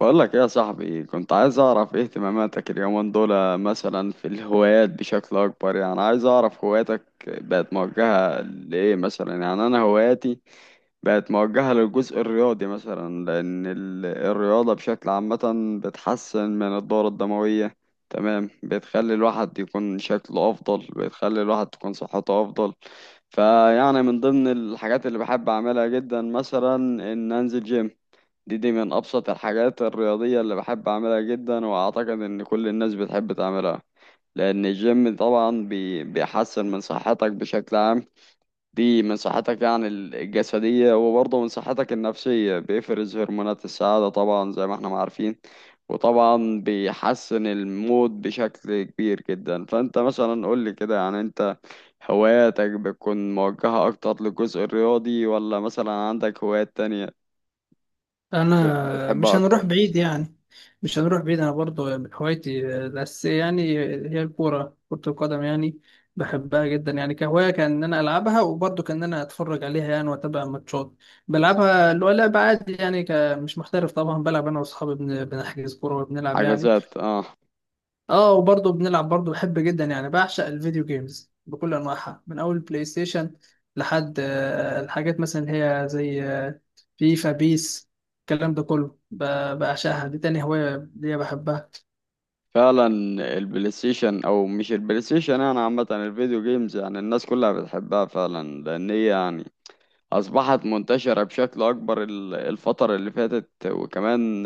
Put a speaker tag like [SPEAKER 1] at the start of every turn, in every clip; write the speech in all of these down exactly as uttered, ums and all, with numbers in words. [SPEAKER 1] بقول لك ايه يا صاحبي؟ كنت عايز اعرف ايه اهتماماتك اليومين دول، مثلا في الهوايات بشكل اكبر. يعني عايز اعرف هواياتك بقت موجهة لايه مثلا. يعني انا هواياتي بقت موجهة للجزء الرياضي مثلا، لان ال- الرياضة بشكل عامة بتحسن من الدورة الدموية. تمام، بتخلي الواحد يكون شكله افضل، بتخلي الواحد تكون صحته افضل. فيعني من ضمن الحاجات اللي بحب اعملها جدا مثلا ان انزل جيم. دي دي من أبسط الحاجات الرياضية اللي بحب أعملها جدا، وأعتقد إن كل الناس بتحب تعملها. لأن الجيم طبعا بي بيحسن من صحتك بشكل عام. دي من صحتك يعني ال- الجسدية، وبرضه من صحتك النفسية. بيفرز هرمونات السعادة طبعا زي ما احنا ما عارفين. وطبعا بيحسن المود بشكل كبير جدا. فأنت مثلا قول لي كده، يعني أنت هواياتك بتكون موجهة أكتر للجزء الرياضي، ولا مثلا عندك هوايات تانية ب-
[SPEAKER 2] انا مش
[SPEAKER 1] بتحبها
[SPEAKER 2] هنروح
[SPEAKER 1] أكتر؟
[SPEAKER 2] بعيد يعني. مش هنروح بعيد، انا برضو من هوايتي الاساسيه يعني هي الكوره، كره القدم يعني. بحبها جدا يعني، كهوايه كان ان انا العبها، وبرضو كان ان انا اتفرج عليها يعني واتابع ماتشات. بلعبها، اللي هو لعب عادي يعني، ك- مش محترف طبعا. بلعب انا واصحابي، بن- بنحجز كوره وبنلعب يعني.
[SPEAKER 1] حجزات، اه.
[SPEAKER 2] اه، وبرضه بنلعب. برضه بحب جدا يعني، بعشق الفيديو جيمز بكل انواعها، من اول بلاي ستيشن لحد آه، الحاجات مثلا اللي هي زي آه، فيفا، بيس، الكلام ده كله. ب- بعشقها، دي تاني هواية ليا بحبها.
[SPEAKER 1] فعلا البلاي ستيشن، او مش البلاي ستيشن، يعني عامه الفيديو جيمز يعني الناس كلها بتحبها فعلا. لان هي يعني اصبحت منتشره بشكل اكبر ال- الفتره اللي فاتت. وكمان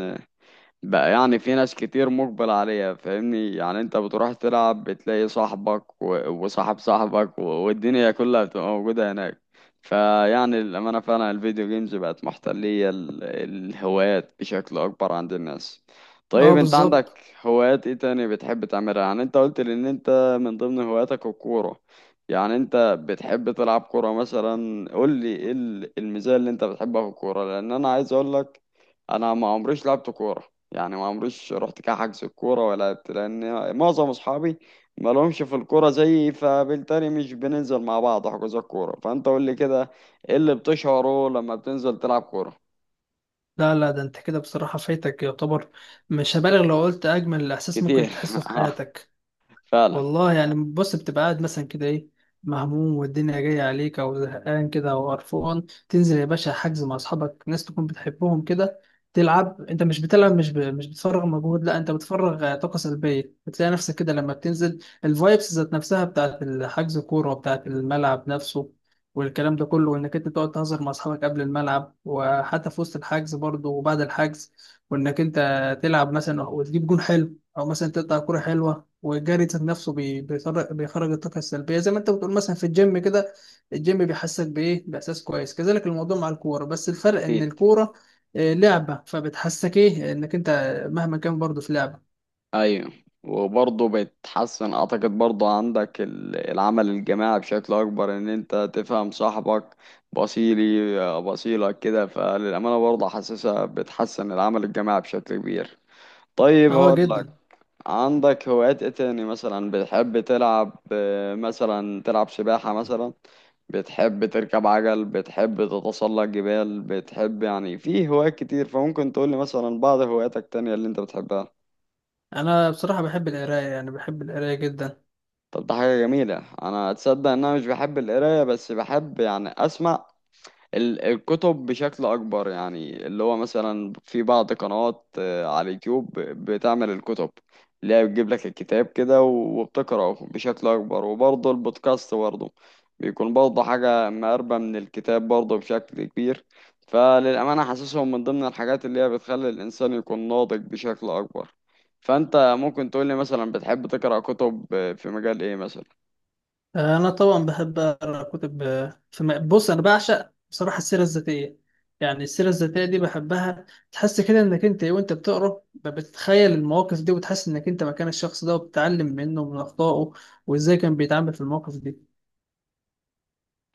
[SPEAKER 1] بقى يعني في ناس كتير مقبل عليها، فاهمني؟ يعني انت بتروح تلعب بتلاقي صاحبك و- وصاحب صاحبك و- والدنيا كلها بتبقى موجودة هناك. فيعني للأمانة فعلا الفيديو جيمز بقت محتلية ال- الهوايات بشكل أكبر عند الناس.
[SPEAKER 2] اه
[SPEAKER 1] طيب انت
[SPEAKER 2] بالظبط.
[SPEAKER 1] عندك هوايات ايه تاني بتحب تعملها؟ يعني انت قلت لي ان انت من ضمن هواياتك الكورة. يعني انت بتحب تلعب كورة مثلا. قول لي ايه ال- الميزة اللي انت بتحبها في الكورة، لان انا عايز اقول لك انا ما عمريش لعبت كورة. يعني ما عمريش رحت كحجز الكورة ولا لعبت، لأن معظم أصحابي ما لهمش في الكورة زيي، فبالتالي مش بننزل مع بعض حجوزات الكورة. فأنت قول لي كده، إيه اللي بتشعره لما بتنزل تلعب كورة؟
[SPEAKER 2] لا لا، ده انت كده بصراحة فايتك يعتبر. مش هبالغ لو قلت اجمل احساس ممكن
[SPEAKER 1] كتير
[SPEAKER 2] تحسه في
[SPEAKER 1] آه،
[SPEAKER 2] حياتك.
[SPEAKER 1] فعلا.
[SPEAKER 2] والله يعني، بص، بتبقى قاعد مثلا كده ايه، مهموم والدنيا جاية عليك، أو زهقان كده أو قرفان، تنزل يا باشا حجز مع أصحابك، ناس تكون بتحبهم كده، تلعب. أنت مش بتلعب، مش ب... مش بتفرغ مجهود، لا أنت بتفرغ آه، طاقة سلبية. بتلاقي نفسك كده لما بتنزل، الفايبس ذات نفسها بتاعت الحجز كورة، وبتاعت الملعب نفسه والكلام ده كله. وإنك أنت تقعد تهزر مع أصحابك قبل الملعب، وحتى في وسط الحجز برضه وبعد الحجز، وإنك أنت تلعب مثلا وتجيب جون حلو، أو مثلا تقطع كورة حلوة. والجري ذات نفسه بي- بيخرج بيخرج الطاقة السلبية، زي ما انت بتقول مثلا في الجيم كده. الجيم بيحسسك بإيه، بإحساس كويس. كذلك الموضوع مع الكورة، بس الفرق إن
[SPEAKER 1] أكيد.
[SPEAKER 2] الكورة آه، لعبة، فبتحسسك إيه، إنك انت مهما كان برضه في لعبة.
[SPEAKER 1] أيوه. وبرضه بتحسن، أعتقد برضه عندك ال- العمل الجماعي بشكل أكبر، إن أنت تفهم صاحبك بصيلي آه، بصيلك كده. فللأمانة برضه حاسسها بتحسن العمل الجماعي بشكل كبير. طيب
[SPEAKER 2] اه
[SPEAKER 1] هقول لك،
[SPEAKER 2] جدا.
[SPEAKER 1] عندك هوايات ايه تاني مثلا بتحب تلعب؟ آه، مثلا تلعب سباحة مثلا، بتحب تركب عجل، بتحب تتسلق جبال، بتحب. يعني في هوايات كتير، فممكن تقولي مثلا بعض هواياتك التانية اللي انت بتحبها.
[SPEAKER 2] انا بصراحة بحب القراية يعني، بحب القراية جدا.
[SPEAKER 1] طب ده حاجة جميلة. انا اتصدق ان انا مش بحب القراية، بس بحب يعني اسمع ال- الكتب بشكل أكبر. يعني اللي هو مثلا في بعض قنوات آه، على اليوتيوب ب- بتعمل الكتب اللي هي بتجيب لك الكتاب كده و- وبتقرأه بشكل أكبر. وبرضه البودكاست برضه بيكون برضه حاجة مقربة من الكتاب برضه بشكل كبير. فللأمانة حاسسهم من ضمن الحاجات اللي هي بتخلي الإنسان يكون ناضج بشكل أكبر. فأنت ممكن تقولي مثلا، بتحب تقرأ كتب آه، في مجال إيه مثلا؟
[SPEAKER 2] أنا طبعا بحب أقرأ كتب آه، في م- بص، أنا بعشق بصراحة السيرة الذاتية. يعني السيرة الذاتية دي بحبها، تحس كده إنك أنت وأنت بتقرأ ب- بتتخيل المواقف دي، وتحس إنك أنت مكان الشخص ده، وبتتعلم منه ومن أخطائه، وإزاي كان بيتعامل في المواقف دي.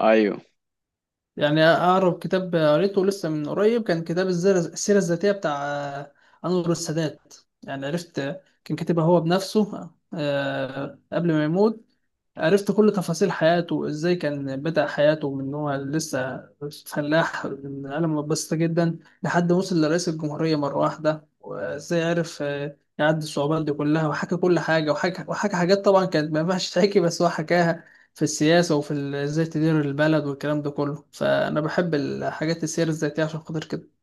[SPEAKER 1] أيوه.
[SPEAKER 2] يعني أقرب كتاب قريته لسه من قريب كان كتاب الزر- السيرة الذاتية بتاع آه، أنور السادات. يعني عرفت آه، كان كاتبها هو بنفسه آه، قبل ما يموت. عرفت كل تفاصيل حياته، ازاي كان بدأ حياته من هو لسه فلاح من عالم بسيطة جدا، لحد وصل لرئيس الجمهورية مرة واحدة، وازاي عرف آه، يعدي الصعوبات دي كلها، وحكى كل حاجة، وحكى وحكى حاجات طبعا كانت ما ينفعش تحكي، بس هو حكاها، في السياسة وفي ال- ازاي تدير البلد والكلام ده كله. فأنا بحب الحاجات السير الذاتية عشان خاطر كده.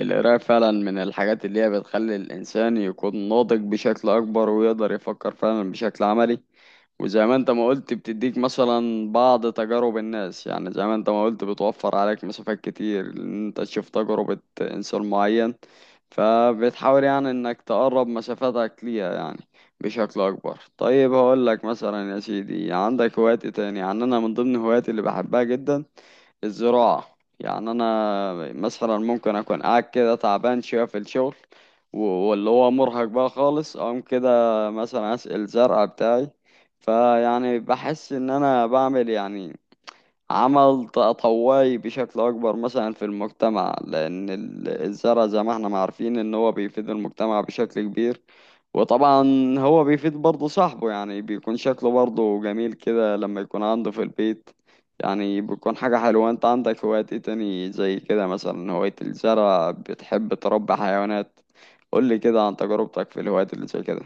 [SPEAKER 1] القراية فعلا من الحاجات اللي هي بتخلي الإنسان يكون ناضج بشكل أكبر، ويقدر يفكر فعلا بشكل عملي. وزي ما أنت ما قلت، بتديك مثلا بعض تجارب الناس. يعني زي ما أنت ما قلت بتوفر عليك مسافات كتير، إن أنت تشوف تجربة إنسان معين، فبتحاول يعني إنك تقرب مسافاتك ليها يعني بشكل أكبر. طيب هقول لك مثلا يا سيدي، عندك هوايات إيه تاني؟ يعني أنا من ضمن هواياتي اللي بحبها جدا الزراعة. يعني أنا مثلا ممكن أكون قاعد كده تعبان شوية في الشغل و- واللي هو مرهق بقى خالص، أقوم كده مثلا أسقي الزرع بتاعي. فيعني بحس إن أنا بعمل يعني عمل تطوعي بشكل أكبر مثلا في المجتمع، لأن ال- الزرع زي ما احنا ما عارفين إن هو بيفيد المجتمع بشكل كبير. وطبعا هو بيفيد برضه صاحبه، يعني بيكون شكله برضه جميل كده لما يكون عنده في البيت. يعني بيكون حاجة حلوة. انت عندك هوايات ايه تاني زي كده مثلا، هواية الزرع، بتحب تربي حيوانات؟ قولي كده عن تجربتك في الهوايات اللي زي كده.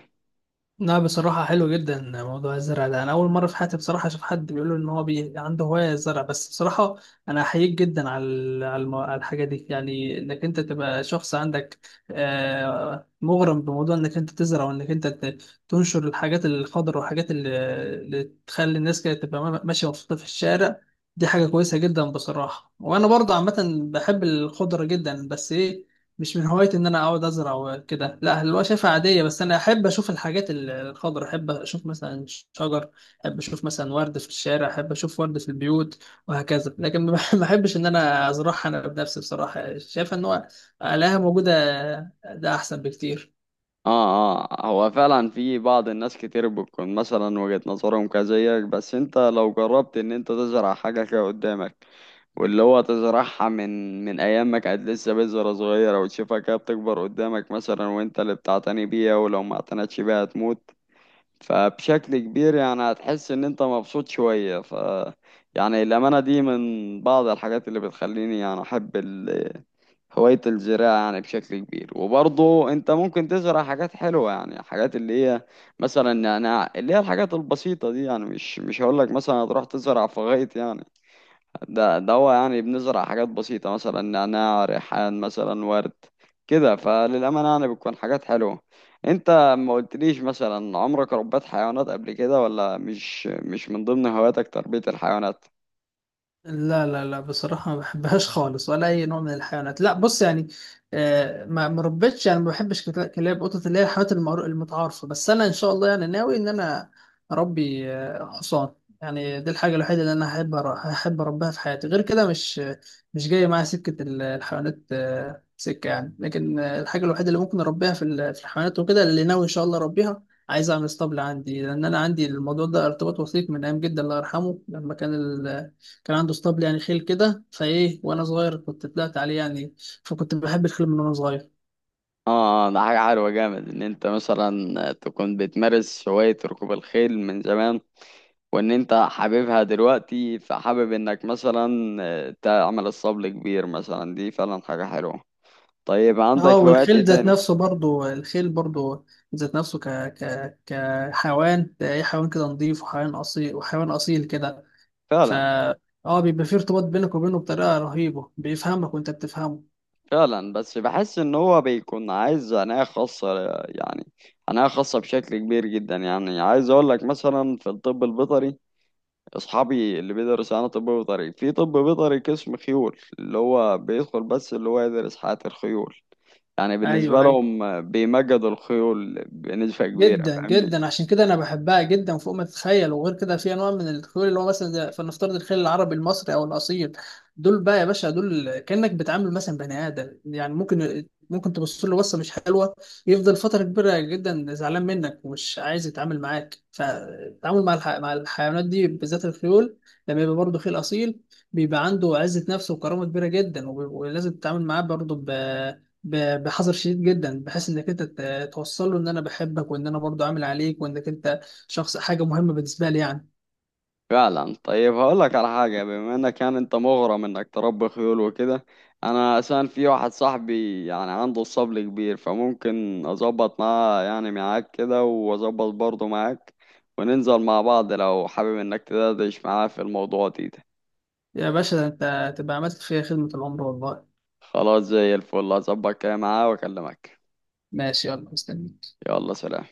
[SPEAKER 2] لا، بصراحة حلو جدا موضوع الزرع ده. أنا أول مرة في حياتي بصراحة أشوف حد بيقول إن هو بي... عنده هواية الزرع. بس بصراحة أنا أحييك جدا على ال- على الم- على الحاجة دي، يعني إنك أنت تبقى شخص عندك آه، مغرم بموضوع إنك أنت تزرع، وإنك أنت ت- تنشر الحاجات الخضر والحاجات اللي, اللي تخلي الناس كده تبقى ما- ماشية مبسوطة في الشارع. دي حاجة كويسة جدا بصراحة. وأنا برضه عامة بحب الخضرة جدا، بس إيه، مش من هوايتي ان انا اقعد ازرع وكده، لا، اللي هو شايفها عاديه. بس انا احب اشوف الحاجات ال- الخضرا، احب اشوف مثلا شجر، احب اشوف مثلا ورد في الشارع، احب اشوف ورد في البيوت، وهكذا. لكن ما ما احبش ان انا ازرعها انا بنفسي. بصراحه شايف ان هو الاقيها موجوده، ده احسن بكتير.
[SPEAKER 1] اه اه. هو فعلا في بعض الناس كتير بتكون مثلا وجهة نظرهم كزيك، بس انت لو جربت ان انت تزرع حاجة كده قدامك، واللي هو تزرعها من من ايام ما كانت لسه بذرة صغيرة، وتشوفها كده بتكبر قدامك مثلا، وانت اللي بتعتني بيها، ولو ما اعتنتش بيها هتموت. فبشكل كبير يعني هتحس ان انت مبسوط شوية. ف يعني الأمانة دي من بعض الحاجات اللي بتخليني يعني أحب هواية الزراعة يعني بشكل كبير. وبرضه انت ممكن تزرع حاجات حلوة، يعني حاجات اللي هي مثلا نعناع، اللي هي الحاجات البسيطة دي. يعني مش مش هقول لك مثلا هتروح تزرع فغيط يعني. ده ده هو يعني بنزرع حاجات بسيطة، مثلا نعناع، ريحان مثلا، ورد كده. فللأمانة يعني بتكون حاجات حلوة. انت ما قلتليش مثلا عمرك ربيت حيوانات قبل كده، ولا مش مش من ضمن هواياتك تربية الحيوانات؟
[SPEAKER 2] لا لا لا، بصراحة ما بحبهاش خالص، ولا أي نوع من الحيوانات. لا بص يعني آه، ما ما ربيتش يعني، ما بحبش كلا- كلاب قطط، اللي هي الحيوانات المعرو- المتعارفة. بس أنا إن شاء الله يعني، ناوي إن أنا أربي آه، حصان. يعني دي الحاجة الوحيدة اللي أنا هحب أر- هحب أربيها في حياتي. غير كده مش مش جاية معايا سكة ال- الحيوانات آه، سكة يعني. لكن آه، الحاجة الوحيدة اللي ممكن أربيها في ال- في الحيوانات وكده، اللي ناوي إن شاء الله أربيها، عايز أعمل اسطبل عندي. لأن أنا عندي الموضوع ده ارتباط وثيق من أيام جدا، الله يرحمه، لما كان ال- كان عنده اسطبل يعني، خيل كده، فايه وانا صغير كنت طلعت عليه يعني، فكنت بحب الخيل من وانا صغير.
[SPEAKER 1] اه. آه، ده حاجة حلوة جامد ان انت مثلا تكون بتمارس هواية ركوب الخيل من زمان، وان انت حاببها دلوقتي، فحابب انك مثلا آه، تعمل الصبل كبير مثلا. دي فعلا حاجة حلوة. طيب
[SPEAKER 2] اه اه.
[SPEAKER 1] عندك هوايات ايه
[SPEAKER 2] والخيل ذات
[SPEAKER 1] تاني؟
[SPEAKER 2] نفسه برضو، الخيل برضو ذات نفسه، ك ك كحيوان ده ايه، حيوان كده نظيف، وحيوان اصيل، وحيوان اصيل كده، ف
[SPEAKER 1] فعلا.
[SPEAKER 2] اه، بيبقى فيه ارتباط بينك وبينه بطريقه رهيبه، بيفهمك وانت بتفهمه.
[SPEAKER 1] فعلا بس بحس ان هو بيكون عايز عناية خاصة يعني، عناية خاصة بشكل كبير جدا. يعني عايز اقول لك مثلا في الطب البيطري، اصحابي اللي بيدرس انا طب بيطري، في طب بيطري قسم خيول اللي هو بيدخل بس اللي هو يدرس حياة الخيول. يعني بالنسبة
[SPEAKER 2] ايوه ايوه.
[SPEAKER 1] لهم بيمجدوا الخيول بنسبة كبيرة،
[SPEAKER 2] جدا
[SPEAKER 1] فاهمني؟
[SPEAKER 2] جدا، عشان كده انا بحبها جدا فوق ما تتخيل. وغير كده في انواع من الخيول، اللي هو مثلا زي- فلنفترض الخيل العربي المصري او الاصيل، دول بقى يا باشا، دول كانك بتعامل مثلا بني ادم يعني. ممكن ممكن تبص له بصه مش حلوه، يفضل فتره كبيره جدا زعلان منك، ومش عايز يتعامل معاك. فالتعامل مع الح... مع الحيوانات دي بالذات الخيول، لما يبقى برضه خيل اصيل، بيبقى عنده عزه نفس وكرامه كبيره جدا. وب- ولازم تتعامل معاه برضه ب... ب- بحذر شديد جدا، بحيث انك انت توصل له ان انا بحبك، وان انا برضو عامل عليك، وانك انت شخص، حاجه مهمه بالنسبه لي يعني.
[SPEAKER 1] فعلا. طيب هقول لك على حاجة، بما انك كان انت مغرم انك تربي خيول وكده، انا عشان في واحد صاحبي يعني عنده الصبل كبير، فممكن اظبط معاه يعني، معاك كده، واظبط برضه معاك وننزل مع بعض لو حابب انك تدردش معاه في الموضوع دي.
[SPEAKER 2] يا باشا، ده انت تبقى عملت فيها خدمه العمر والله.
[SPEAKER 1] خلاص، زي الفل، هظبط كده معاه واكلمك.
[SPEAKER 2] ماشي، يلا مستنيك.
[SPEAKER 1] يلا سلام.